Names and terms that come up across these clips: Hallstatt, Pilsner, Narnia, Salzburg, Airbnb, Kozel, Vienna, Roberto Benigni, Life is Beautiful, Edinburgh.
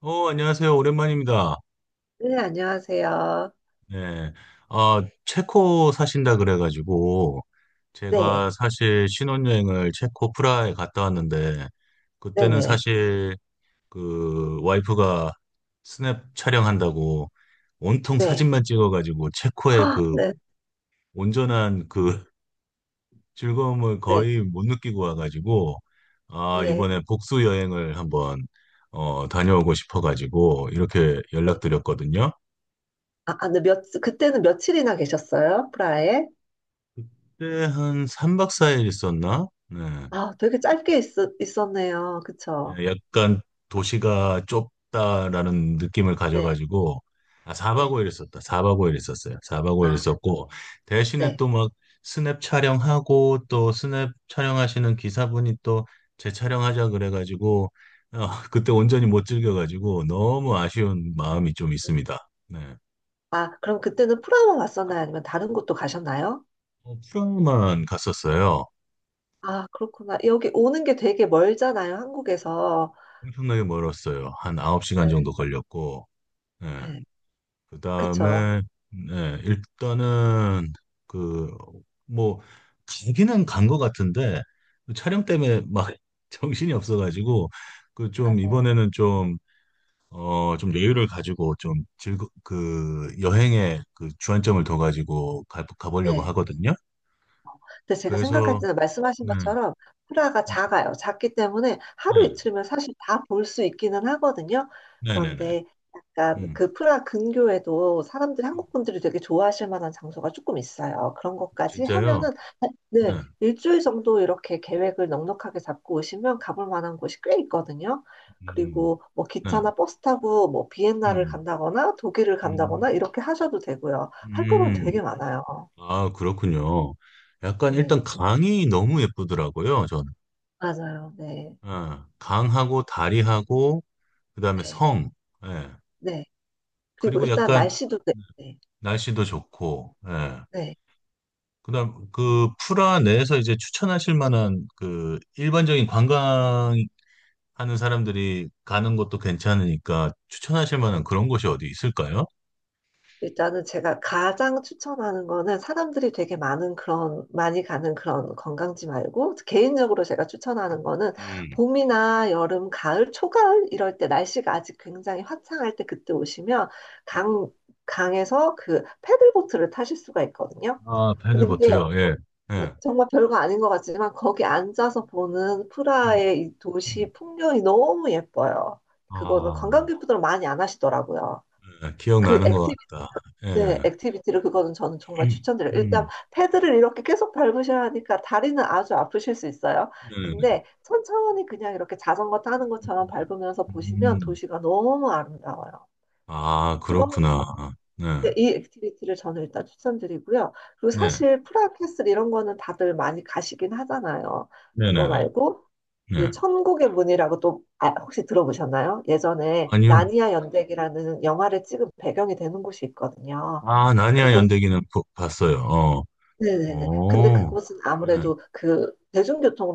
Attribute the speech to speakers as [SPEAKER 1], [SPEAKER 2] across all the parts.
[SPEAKER 1] 안녕하세요. 오랜만입니다.
[SPEAKER 2] 네, 안녕하세요.
[SPEAKER 1] 네. 아, 체코 사신다 그래가지고,
[SPEAKER 2] 네,
[SPEAKER 1] 제가 사실 신혼여행을 체코 프라하에 갔다 왔는데, 그때는
[SPEAKER 2] 네네,
[SPEAKER 1] 사실 그 와이프가 스냅 촬영한다고 온통
[SPEAKER 2] 네.
[SPEAKER 1] 사진만 찍어가지고, 체코의
[SPEAKER 2] 아,
[SPEAKER 1] 그
[SPEAKER 2] 네,
[SPEAKER 1] 온전한 그 즐거움을
[SPEAKER 2] 네,
[SPEAKER 1] 거의 못 느끼고 와가지고, 아,
[SPEAKER 2] 네.
[SPEAKER 1] 이번에 복수 여행을 한번, 다녀오고 싶어가지고, 이렇게
[SPEAKER 2] 네.
[SPEAKER 1] 연락드렸거든요.
[SPEAKER 2] 아, 아, 네, 그때는 며칠이나 계셨어요? 프라하에?
[SPEAKER 1] 그때 한 3박 4일 있었나? 네.
[SPEAKER 2] 아, 되게 짧게 있었네요. 그쵸?
[SPEAKER 1] 네, 약간 도시가 좁다라는 느낌을
[SPEAKER 2] 네,
[SPEAKER 1] 가져가지고, 아, 4박
[SPEAKER 2] 네.
[SPEAKER 1] 5일 있었다. 4박 5일 있었어요. 4박 5일
[SPEAKER 2] 아,
[SPEAKER 1] 있었고, 대신에
[SPEAKER 2] 네.
[SPEAKER 1] 또 막 스냅 촬영하고, 또 스냅 촬영하시는 기사분이 또 재촬영하자 그래가지고, 어, 그때 온전히 못 즐겨가지고, 너무 아쉬운 마음이 좀 있습니다. 네.
[SPEAKER 2] 아, 그럼 그때는 프라하만 왔었나요? 아니면 다른 곳도 가셨나요?
[SPEAKER 1] 프라하만 갔었어요.
[SPEAKER 2] 아, 그렇구나. 여기 오는 게 되게 멀잖아요, 한국에서.
[SPEAKER 1] 엄청나게 멀었어요. 한 9시간 정도
[SPEAKER 2] 네,
[SPEAKER 1] 걸렸고, 예.
[SPEAKER 2] 네.
[SPEAKER 1] 그
[SPEAKER 2] 그쵸?
[SPEAKER 1] 다음에, 네, 일단은, 그, 뭐, 가기는 간 것 같은데, 그 촬영 때문에 막 정신이 없어가지고, 그 좀,
[SPEAKER 2] 맞아요.
[SPEAKER 1] 이번에는 좀, 좀 여유를 가지고, 좀 즐거, 그, 여행에 그 주안점을 둬가지고 가보려고
[SPEAKER 2] 네.
[SPEAKER 1] 하거든요.
[SPEAKER 2] 근데 제가 생각할
[SPEAKER 1] 그래서,
[SPEAKER 2] 때는 말씀하신
[SPEAKER 1] 네,
[SPEAKER 2] 것처럼 프라가
[SPEAKER 1] 네,
[SPEAKER 2] 작아요. 작기 때문에 하루
[SPEAKER 1] 네,
[SPEAKER 2] 이틀면 사실 다 볼 수 있기는 하거든요.
[SPEAKER 1] 네, 네, 네.
[SPEAKER 2] 그런데 약간
[SPEAKER 1] 음.
[SPEAKER 2] 그 프라 근교에도 사람들이 한국 분들이 되게 좋아하실 만한 장소가 조금 있어요. 그런
[SPEAKER 1] 아,
[SPEAKER 2] 것까지
[SPEAKER 1] 진짜요?
[SPEAKER 2] 하면은,
[SPEAKER 1] 네,
[SPEAKER 2] 네, 일주일 정도 이렇게 계획을 넉넉하게 잡고 오시면 가볼 만한 곳이 꽤 있거든요.
[SPEAKER 1] 음,
[SPEAKER 2] 그리고 뭐
[SPEAKER 1] 네,
[SPEAKER 2] 기차나 버스 타고 뭐 비엔나를
[SPEAKER 1] 음,
[SPEAKER 2] 간다거나 독일을
[SPEAKER 1] 음,
[SPEAKER 2] 간다거나 이렇게 하셔도 되고요. 할 거는
[SPEAKER 1] 음.
[SPEAKER 2] 되게 많아요.
[SPEAKER 1] 아, 그렇군요. 약간
[SPEAKER 2] 네,
[SPEAKER 1] 일단 강이 너무 예쁘더라고요, 저는.
[SPEAKER 2] 맞아요. 네.
[SPEAKER 1] 예, 강하고 다리하고 그다음에
[SPEAKER 2] 네,
[SPEAKER 1] 성. 예.
[SPEAKER 2] 네. 그리고
[SPEAKER 1] 그리고
[SPEAKER 2] 일단
[SPEAKER 1] 약간
[SPEAKER 2] 날씨도, 네, 네.
[SPEAKER 1] 날씨도 좋고. 예.
[SPEAKER 2] 네.
[SPEAKER 1] 그다음 그 프라 내에서 이제 추천하실 만한 그 일반적인 관광하는 사람들이 가는 것도 괜찮으니까 추천하실 만한 그런 곳이 어디 있을까요?
[SPEAKER 2] 일단은 제가 가장 추천하는 거는 사람들이 되게 많은 그런 많이 가는 그런 관광지 말고 개인적으로 제가 추천하는 거는
[SPEAKER 1] 음.
[SPEAKER 2] 봄이나 여름, 가을, 초가을 이럴 때 날씨가 아직 굉장히 화창할 때 그때 오시면 강 강에서 그 패들보트를 타실 수가 있거든요.
[SPEAKER 1] 아,
[SPEAKER 2] 근데 그게
[SPEAKER 1] 패들보트요. 예. 예.
[SPEAKER 2] 정말 별거 아닌 것 같지만 거기 앉아서 보는
[SPEAKER 1] 음,
[SPEAKER 2] 프라하의 이
[SPEAKER 1] 음.
[SPEAKER 2] 도시 풍경이 너무 예뻐요. 그거는
[SPEAKER 1] 아,
[SPEAKER 2] 관광객분들은 많이 안 하시더라고요.
[SPEAKER 1] 예,
[SPEAKER 2] 그
[SPEAKER 1] 기억나는 것
[SPEAKER 2] 액티비티,
[SPEAKER 1] 같다.
[SPEAKER 2] 네,
[SPEAKER 1] 예.
[SPEAKER 2] 액티비티를 그거는 저는 정말
[SPEAKER 1] 음,
[SPEAKER 2] 추천드려요. 일단
[SPEAKER 1] 음,
[SPEAKER 2] 패드를 이렇게 계속 밟으셔야 하니까 다리는 아주 아프실 수 있어요.
[SPEAKER 1] 네네네.
[SPEAKER 2] 근데 천천히 그냥 이렇게 자전거 타는 것처럼 밟으면서 보시면
[SPEAKER 1] 음,
[SPEAKER 2] 도시가 너무 아름다워요.
[SPEAKER 1] 아, 그렇구나. 네,
[SPEAKER 2] 네, 이 액티비티를 저는 일단 추천드리고요. 그리고
[SPEAKER 1] 네,
[SPEAKER 2] 사실 프라하캐슬 이런 거는 다들 많이 가시긴 하잖아요. 그거
[SPEAKER 1] 네네네.
[SPEAKER 2] 말고 그
[SPEAKER 1] 네.
[SPEAKER 2] 천국의 문이라고 또 아, 혹시 들어보셨나요? 예전에
[SPEAKER 1] 아니요.
[SPEAKER 2] 나니아 연대기라는 영화를 찍은 배경이 되는 곳이 있거든요.
[SPEAKER 1] 아, 나니아
[SPEAKER 2] 그곳.
[SPEAKER 1] 연대기는 봤어요.
[SPEAKER 2] 네네네. 근데
[SPEAKER 1] 어,
[SPEAKER 2] 그곳은
[SPEAKER 1] 네,
[SPEAKER 2] 아무래도 그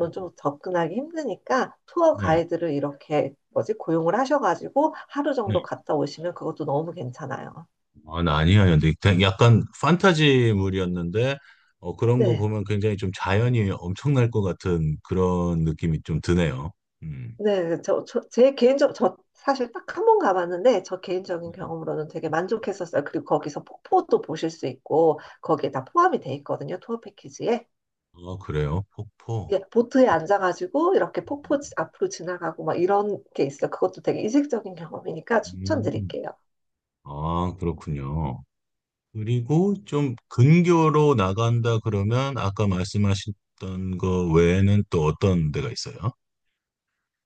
[SPEAKER 1] 네,
[SPEAKER 2] 좀 접근하기 힘드니까 투어
[SPEAKER 1] 네.
[SPEAKER 2] 가이드를 이렇게 뭐지 고용을 하셔가지고 하루 정도
[SPEAKER 1] 네.
[SPEAKER 2] 갔다 오시면 그것도 너무 괜찮아요.
[SPEAKER 1] 아, 나니아 연대기. 약간 판타지물이었는데, 그런 거
[SPEAKER 2] 네.
[SPEAKER 1] 보면 굉장히 좀 자연이 엄청날 것 같은 그런 느낌이 좀 드네요. 음,
[SPEAKER 2] 네, 네. 저 사실 딱 한 번 가봤는데, 저 개인적인
[SPEAKER 1] 네.
[SPEAKER 2] 경험으로는 되게 만족했었어요. 그리고 거기서 폭포도 보실 수 있고, 거기에 다 포함이 돼 있거든요, 투어 패키지에.
[SPEAKER 1] 아, 그래요? 폭포.
[SPEAKER 2] 예, 보트에 앉아가지고, 이렇게 폭포 앞으로 지나가고, 막 이런 게 있어요. 그것도 되게 이색적인 경험이니까
[SPEAKER 1] 음,
[SPEAKER 2] 추천드릴게요.
[SPEAKER 1] 아, 그렇군요. 그리고 좀 근교로 나간다 그러면 아까 말씀하셨던 거 외에는 또 어떤 데가 있어요?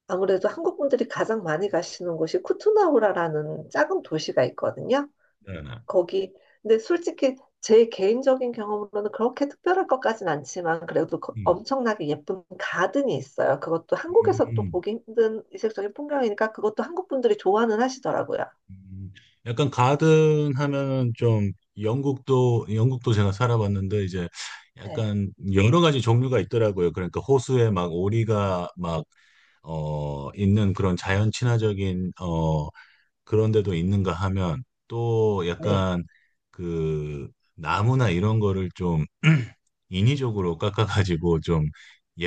[SPEAKER 2] 아무래도 한국 분들이 가장 많이 가시는 곳이 쿠투나우라라는 작은 도시가 있거든요.
[SPEAKER 1] 네네.
[SPEAKER 2] 거기 근데 솔직히 제 개인적인 경험으로는 그렇게 특별할 것까진 않지만 그래도
[SPEAKER 1] 음,
[SPEAKER 2] 엄청나게 예쁜 가든이 있어요. 그것도 한국에서 또
[SPEAKER 1] 음,
[SPEAKER 2] 보기 힘든 이색적인 풍경이니까 그것도 한국 분들이 좋아는 하시더라고요.
[SPEAKER 1] 음. 약간 가든 하면은 좀 영국도 제가 살아봤는데 이제
[SPEAKER 2] 네,
[SPEAKER 1] 약간 여러 가지 종류가 있더라고요. 그러니까 호수에 막 오리가 막 있는 그런 자연 친화적인 그런데도 있는가 하면 또
[SPEAKER 2] 네,
[SPEAKER 1] 약간 그 나무나 이런 거를 좀 인위적으로 깎아가지고 좀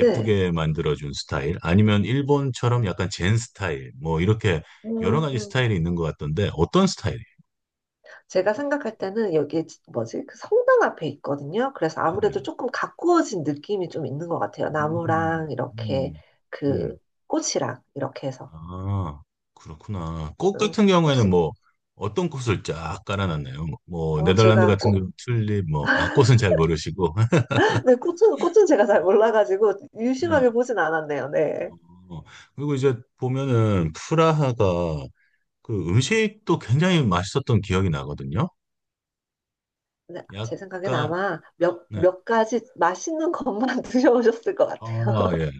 [SPEAKER 2] 네.
[SPEAKER 1] 만들어준 스타일 아니면 일본처럼 약간 젠 스타일 뭐 이렇게 여러 가지
[SPEAKER 2] 음,
[SPEAKER 1] 스타일이 있는 것 같던데 어떤 스타일이에요?
[SPEAKER 2] 제가 생각할 때는 여기 뭐지? 그 성당 앞에 있거든요. 그래서 아무래도
[SPEAKER 1] 네네.
[SPEAKER 2] 조금 가꾸어진 느낌이 좀 있는 것 같아요.
[SPEAKER 1] 음,
[SPEAKER 2] 나무랑 이렇게
[SPEAKER 1] 음,
[SPEAKER 2] 그
[SPEAKER 1] 음.
[SPEAKER 2] 꽃이랑 이렇게 해서.
[SPEAKER 1] 아, 그렇구나. 꽃
[SPEAKER 2] 음,
[SPEAKER 1] 같은 경우에는
[SPEAKER 2] 혹시
[SPEAKER 1] 뭐 어떤 꽃을 쫙 깔아놨나요? 뭐
[SPEAKER 2] 어,
[SPEAKER 1] 네덜란드
[SPEAKER 2] 제가,
[SPEAKER 1] 같은 경우 튤립 뭐 아 꽃은 잘 모르시고
[SPEAKER 2] 네, 꽃은 제가 잘 몰라가지고 유심하게 보진 않았네요. 네.
[SPEAKER 1] 어, 그리고 이제 보면은 프라하가 그 음식도 굉장히 맛있었던 기억이 나거든요.
[SPEAKER 2] 근데 제 생각엔
[SPEAKER 1] 약간
[SPEAKER 2] 아마 몇,
[SPEAKER 1] 네.
[SPEAKER 2] 몇 가지 맛있는 것만 드셔보셨을 것
[SPEAKER 1] 아,
[SPEAKER 2] 같아요.
[SPEAKER 1] 예.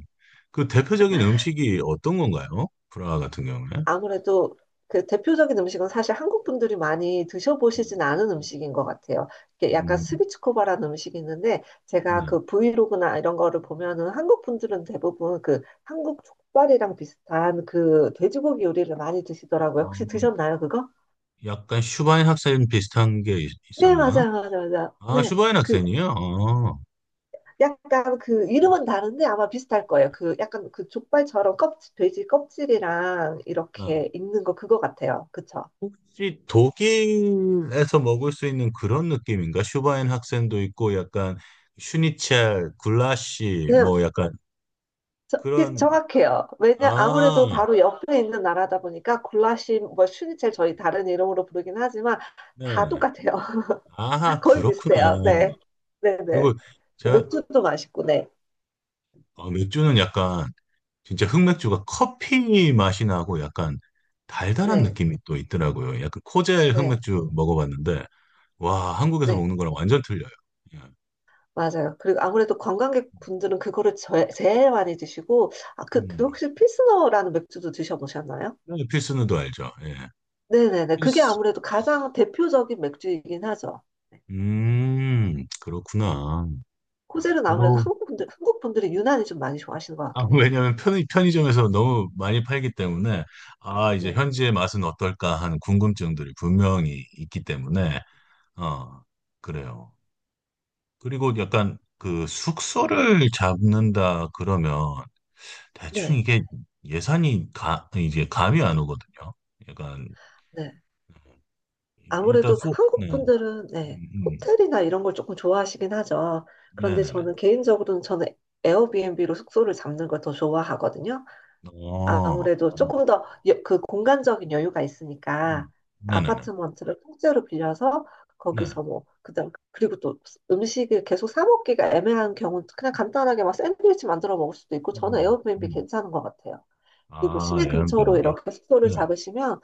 [SPEAKER 1] 그 대표적인 음식이 어떤 건가요? 프라하 같은 경우에?
[SPEAKER 2] 아무래도 그 대표적인 음식은 사실 한국 분들이 많이
[SPEAKER 1] 음,
[SPEAKER 2] 드셔보시진 않은 음식인 것 같아요. 이게 약간
[SPEAKER 1] 음,
[SPEAKER 2] 스비츠코바라는 음식이 있는데
[SPEAKER 1] 네.
[SPEAKER 2] 제가 그 브이로그나 이런 거를 보면은 한국 분들은 대부분 그 한국 족발이랑 비슷한 그 돼지고기 요리를 많이 드시더라고요.
[SPEAKER 1] 어,
[SPEAKER 2] 혹시 드셨나요, 그거?
[SPEAKER 1] 약간 슈바인 학생 비슷한 게 있,
[SPEAKER 2] 네,
[SPEAKER 1] 었나
[SPEAKER 2] 맞아요, 맞아요, 맞아요.
[SPEAKER 1] 아,
[SPEAKER 2] 네.
[SPEAKER 1] 슈바인
[SPEAKER 2] 그
[SPEAKER 1] 학생이요?
[SPEAKER 2] 약간 그
[SPEAKER 1] 네.
[SPEAKER 2] 이름은 다른데 아마 비슷할 거예요. 그 약간 그 족발처럼 껍질, 돼지 껍질이랑
[SPEAKER 1] 아,
[SPEAKER 2] 이렇게 있는 거 그거 같아요. 그쵸?
[SPEAKER 1] 혹시 독일에서 먹을 수 있는 그런 느낌인가? 슈바인 학생도 있고 약간 슈니첼, 굴라시
[SPEAKER 2] 네,
[SPEAKER 1] 뭐 약간 그런
[SPEAKER 2] 정확해요. 왜냐 아무래도
[SPEAKER 1] 아,
[SPEAKER 2] 바로 옆에 있는 나라다 보니까 굴라시 뭐 슈니첼 저희 다른 이름으로 부르긴 하지만 다
[SPEAKER 1] 네.
[SPEAKER 2] 똑같아요.
[SPEAKER 1] 아,
[SPEAKER 2] 거의
[SPEAKER 1] 그렇구나.
[SPEAKER 2] 비슷해요. 네, 네, 네.
[SPEAKER 1] 그리고 제가
[SPEAKER 2] 맥주도 맛있고, 네,
[SPEAKER 1] 맥주는 약간 진짜 흑맥주가 커피 맛이 나고 약간 달달한
[SPEAKER 2] 네,
[SPEAKER 1] 느낌이 또 있더라고요. 약간 코젤
[SPEAKER 2] 네,
[SPEAKER 1] 흑맥주 먹어봤는데 와, 한국에서
[SPEAKER 2] 네.
[SPEAKER 1] 먹는 거랑 완전 틀려요. 예.
[SPEAKER 2] 맞아요. 그리고 아무래도 관광객분들은 그거를 제일 많이 드시고 아, 그, 그
[SPEAKER 1] 음,
[SPEAKER 2] 혹시 필스너라는 맥주도 드셔보셨나요?
[SPEAKER 1] 네, 필스누도 알죠? 예.
[SPEAKER 2] 네네네. 그게
[SPEAKER 1] 필스.
[SPEAKER 2] 아무래도 가장 대표적인 맥주이긴 하죠. 네.
[SPEAKER 1] 그렇구나.
[SPEAKER 2] 코젤은 아무래도
[SPEAKER 1] 주로,
[SPEAKER 2] 한국 분들, 한국 분들이 유난히 좀 많이 좋아하시는 것
[SPEAKER 1] 아,
[SPEAKER 2] 같긴 해요.
[SPEAKER 1] 왜냐면 편의점에서 너무 많이 팔기
[SPEAKER 2] 네,
[SPEAKER 1] 때문에, 아, 이제
[SPEAKER 2] 네,
[SPEAKER 1] 현지의 맛은 어떨까 하는 궁금증들이 분명히 있기 때문에, 어, 그래요. 그리고 약간 그 숙소를 잡는다 그러면 대충
[SPEAKER 2] 네.
[SPEAKER 1] 이게 예산이 이제 감이 안 오거든요. 약간,
[SPEAKER 2] 네.
[SPEAKER 1] 일단
[SPEAKER 2] 아무래도
[SPEAKER 1] 네.
[SPEAKER 2] 한국 분들은, 네,
[SPEAKER 1] 음, 음.
[SPEAKER 2] 호텔이나 이런 걸 조금 좋아하시긴 하죠. 그런데
[SPEAKER 1] 네네네.
[SPEAKER 2] 저는 개인적으로는 저는 에어비앤비로 숙소를 잡는 걸 더 좋아하거든요.
[SPEAKER 1] 어,
[SPEAKER 2] 아무래도
[SPEAKER 1] 음,
[SPEAKER 2] 조금 더 그 공간적인 여유가 있으니까
[SPEAKER 1] 음. 네네 네.
[SPEAKER 2] 아파트먼트를 통째로 빌려서
[SPEAKER 1] 네.
[SPEAKER 2] 거기서 뭐 그다음 그리고 또 음식을 계속 사 먹기가 애매한 경우 그냥 간단하게 막 샌드위치 만들어 먹을 수도 있고
[SPEAKER 1] 음.
[SPEAKER 2] 저는
[SPEAKER 1] 음.
[SPEAKER 2] 에어비앤비
[SPEAKER 1] 음.
[SPEAKER 2] 괜찮은 것 같아요. 그리고
[SPEAKER 1] 아,
[SPEAKER 2] 시내 근처로
[SPEAKER 1] 에어비앤비.
[SPEAKER 2] 이렇게 숙소를
[SPEAKER 1] 네,
[SPEAKER 2] 잡으시면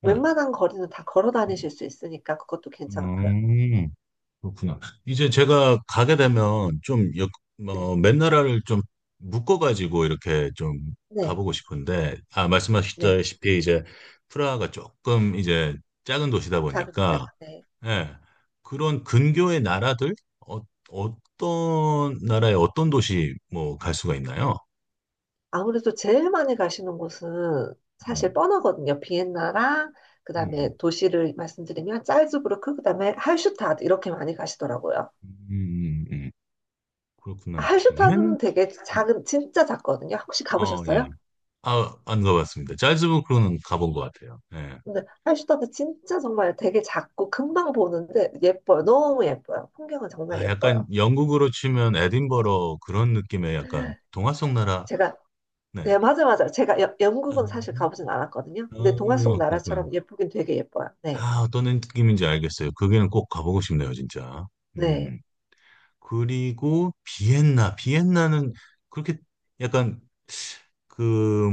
[SPEAKER 1] 네.
[SPEAKER 2] 웬만한 거리는 다 걸어 다니실 수 있으니까 그것도 괜찮고요.
[SPEAKER 1] 음, 그렇구나. 이제 제가 가게 되면 좀,
[SPEAKER 2] 네,
[SPEAKER 1] 맨 나라를 좀 묶어가지고 이렇게 좀
[SPEAKER 2] 네,
[SPEAKER 1] 가보고 싶은데, 아,
[SPEAKER 2] 네.
[SPEAKER 1] 말씀하셨다시피 이제 프라하가 조금 이제 작은 도시다
[SPEAKER 2] 작은.
[SPEAKER 1] 보니까,
[SPEAKER 2] 네.
[SPEAKER 1] 예, 그런 근교의 나라들, 어, 어떤 나라의 어떤 도시 뭐 갈 수가 있나요?
[SPEAKER 2] 아무래도 제일 많이 가시는 곳은 사실
[SPEAKER 1] 음,
[SPEAKER 2] 뻔하거든요. 비엔나랑
[SPEAKER 1] 음,
[SPEAKER 2] 그다음에 도시를 말씀드리면 짤즈부르크 그다음에 할슈타드 이렇게 많이 가시더라고요.
[SPEAKER 1] 음, 음, 음. 그렇구나. 비엔?
[SPEAKER 2] 할슈타드는 되게 작은 진짜 작거든요. 혹시
[SPEAKER 1] 예.
[SPEAKER 2] 가보셨어요?
[SPEAKER 1] 아, 안 가봤습니다. 짤즈부크는 가본 것 같아요. 예.
[SPEAKER 2] 근데 할슈타드 진짜 정말 되게 작고 금방 보는데 예뻐요. 너무 예뻐요. 풍경은 정말
[SPEAKER 1] 아, 약간
[SPEAKER 2] 예뻐요.
[SPEAKER 1] 영국으로 치면 에딘버러 그런 느낌의 약간 동화 속 나라.
[SPEAKER 2] 제가,
[SPEAKER 1] 네.
[SPEAKER 2] 네, 맞아 맞아. 제가 여- 영국은 사실
[SPEAKER 1] 음.
[SPEAKER 2] 가보진 않았거든요. 근데 동화 속
[SPEAKER 1] 그렇구나.
[SPEAKER 2] 나라처럼 예쁘긴 되게 예뻐요. 네.
[SPEAKER 1] 아, 어떤 느낌인지 알겠어요. 거기는 꼭 가보고 싶네요, 진짜.
[SPEAKER 2] 네.
[SPEAKER 1] 음. 그리고 비엔나. 비엔나는 그렇게 약간 그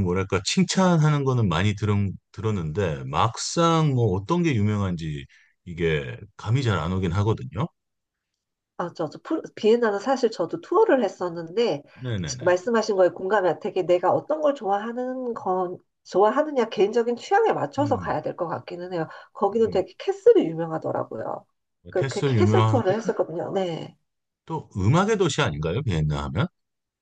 [SPEAKER 1] 뭐랄까 칭찬하는 거는 많이 들 들었는데 막상 뭐 어떤 게 유명한지 이게 감이 잘 안 오긴 하거든요.
[SPEAKER 2] 맞아, 비엔나는 사실 저도 투어를 했었는데,
[SPEAKER 1] 네네네.
[SPEAKER 2] 말씀하신 거에 공감이 되게 내가 어떤 걸 좋아하는 건, 좋아하느냐, 개인적인 취향에 맞춰서
[SPEAKER 1] 음,
[SPEAKER 2] 가야 될 것 같기는 해요. 거기는
[SPEAKER 1] 음.
[SPEAKER 2] 되게 캐슬이 유명하더라고요. 그
[SPEAKER 1] 캐슬
[SPEAKER 2] 캐슬 투어를
[SPEAKER 1] 유명하고
[SPEAKER 2] 했었거든요. 네.
[SPEAKER 1] 또 음악의 도시 아닌가요? 비엔나 하면?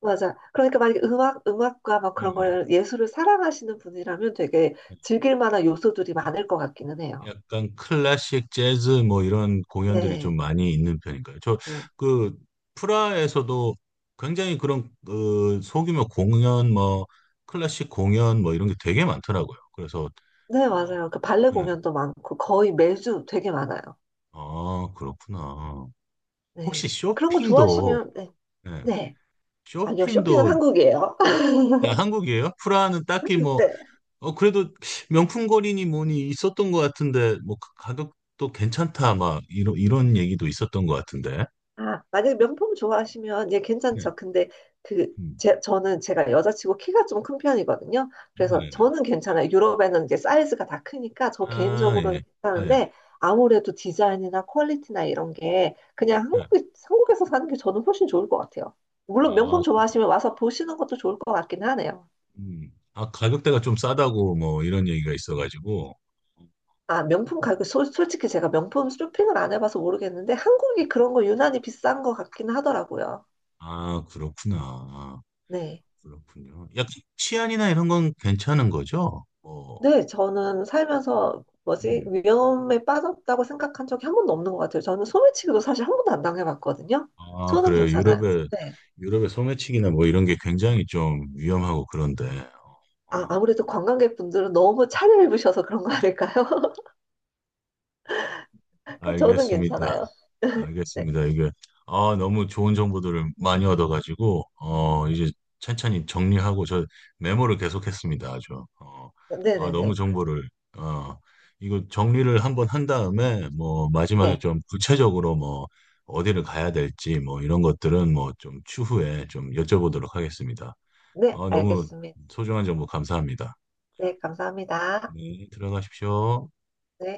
[SPEAKER 2] 맞아. 그러니까 만약에 음악, 음악과 막
[SPEAKER 1] 음,
[SPEAKER 2] 그런
[SPEAKER 1] 음.
[SPEAKER 2] 걸, 예술을 사랑하시는 분이라면 되게 즐길 만한 요소들이 많을 것 같기는 해요.
[SPEAKER 1] 약간 클래식 재즈 뭐 이런 공연들이 좀
[SPEAKER 2] 네.
[SPEAKER 1] 많이 있는 편인가요? 저
[SPEAKER 2] 응.
[SPEAKER 1] 그 프라하에서도 굉장히 그런 그 소규모 공연 뭐 클래식 공연 뭐 이런 게 되게 많더라고요. 그래서
[SPEAKER 2] 네,
[SPEAKER 1] 어,
[SPEAKER 2] 맞아요. 그 발레
[SPEAKER 1] 네.
[SPEAKER 2] 공연도 많고, 거의 매주 되게 많아요.
[SPEAKER 1] 아, 그렇구나.
[SPEAKER 2] 네.
[SPEAKER 1] 혹시
[SPEAKER 2] 그런 거
[SPEAKER 1] 쇼핑도
[SPEAKER 2] 좋아하시면, 네.
[SPEAKER 1] 네.
[SPEAKER 2] 네. 아니요, 쇼핑은
[SPEAKER 1] 쇼핑도
[SPEAKER 2] 한국이에요.
[SPEAKER 1] 그냥 한국이에요? 프라하는 딱히 뭐
[SPEAKER 2] 네.
[SPEAKER 1] 그래도 명품거리니 뭐니 있었던 것 같은데, 뭐, 그 가격도 괜찮다, 막, 이런 얘기도 있었던 것 같은데.
[SPEAKER 2] 아, 만약에 명품 좋아하시면, 예,
[SPEAKER 1] 네.
[SPEAKER 2] 괜찮죠. 근데 그,
[SPEAKER 1] 음.
[SPEAKER 2] 제, 저는 제가 여자치고 키가 좀 큰 편이거든요. 그래서
[SPEAKER 1] 네네네.
[SPEAKER 2] 저는 괜찮아요. 유럽에는 이제 사이즈가 다 크니까 저
[SPEAKER 1] 아,
[SPEAKER 2] 개인적으로는
[SPEAKER 1] 예, 예,
[SPEAKER 2] 괜찮은데, 아무래도 디자인이나 퀄리티나 이런 게 그냥
[SPEAKER 1] 예.
[SPEAKER 2] 한국에, 한국에서 사는 게 저는 훨씬 좋을 것 같아요. 물론
[SPEAKER 1] 아,
[SPEAKER 2] 명품 좋아하시면 와서 보시는 것도 좋을 것 같긴 하네요.
[SPEAKER 1] 아, 가격대가 좀 싸다고, 뭐, 이런 얘기가 있어가지고.
[SPEAKER 2] 아, 명품 가격, 솔직히 제가 명품 쇼핑을 안 해봐서 모르겠는데, 한국이 그런 거 유난히 비싼 것 같긴 하더라고요.
[SPEAKER 1] 아, 그렇구나. 아,
[SPEAKER 2] 네.
[SPEAKER 1] 그렇군요. 약간 치안이나 이런 건 괜찮은 거죠? 뭐,
[SPEAKER 2] 네, 저는 살면서 뭐지?
[SPEAKER 1] 음.
[SPEAKER 2] 위험에 빠졌다고 생각한 적이 한 번도 없는 것 같아요. 저는 소매치기도 사실 한 번도 안 당해봤거든요.
[SPEAKER 1] 아,
[SPEAKER 2] 저는
[SPEAKER 1] 그래요.
[SPEAKER 2] 괜찮아요. 네.
[SPEAKER 1] 유럽의 소매치기나 뭐 이런 게 굉장히 좀 위험하고 그런데.
[SPEAKER 2] 아,
[SPEAKER 1] 어.
[SPEAKER 2] 아무래도 관광객분들은 너무 차려입으셔서 그런 거 아닐까요? 그 저는
[SPEAKER 1] 알겠습니다.
[SPEAKER 2] 괜찮아요. 네.
[SPEAKER 1] 알겠습니다. 이게 아 너무 좋은 정보들을 많이 얻어가지고 이제 천천히 정리하고 저 메모를 계속했습니다. 아주 아 너무
[SPEAKER 2] 네네네.
[SPEAKER 1] 정보를 어 이거 정리를 한번 한 다음에 뭐 마지막에
[SPEAKER 2] 네.
[SPEAKER 1] 좀 구체적으로 뭐 어디를 가야 될지 뭐 이런 것들은 뭐 좀 추후에 좀 여쭤보도록 하겠습니다.
[SPEAKER 2] 네,
[SPEAKER 1] 아 너무
[SPEAKER 2] 알겠습니다.
[SPEAKER 1] 소중한 정보 감사합니다.
[SPEAKER 2] 네, 감사합니다.
[SPEAKER 1] 네, 들어가십시오.
[SPEAKER 2] 네.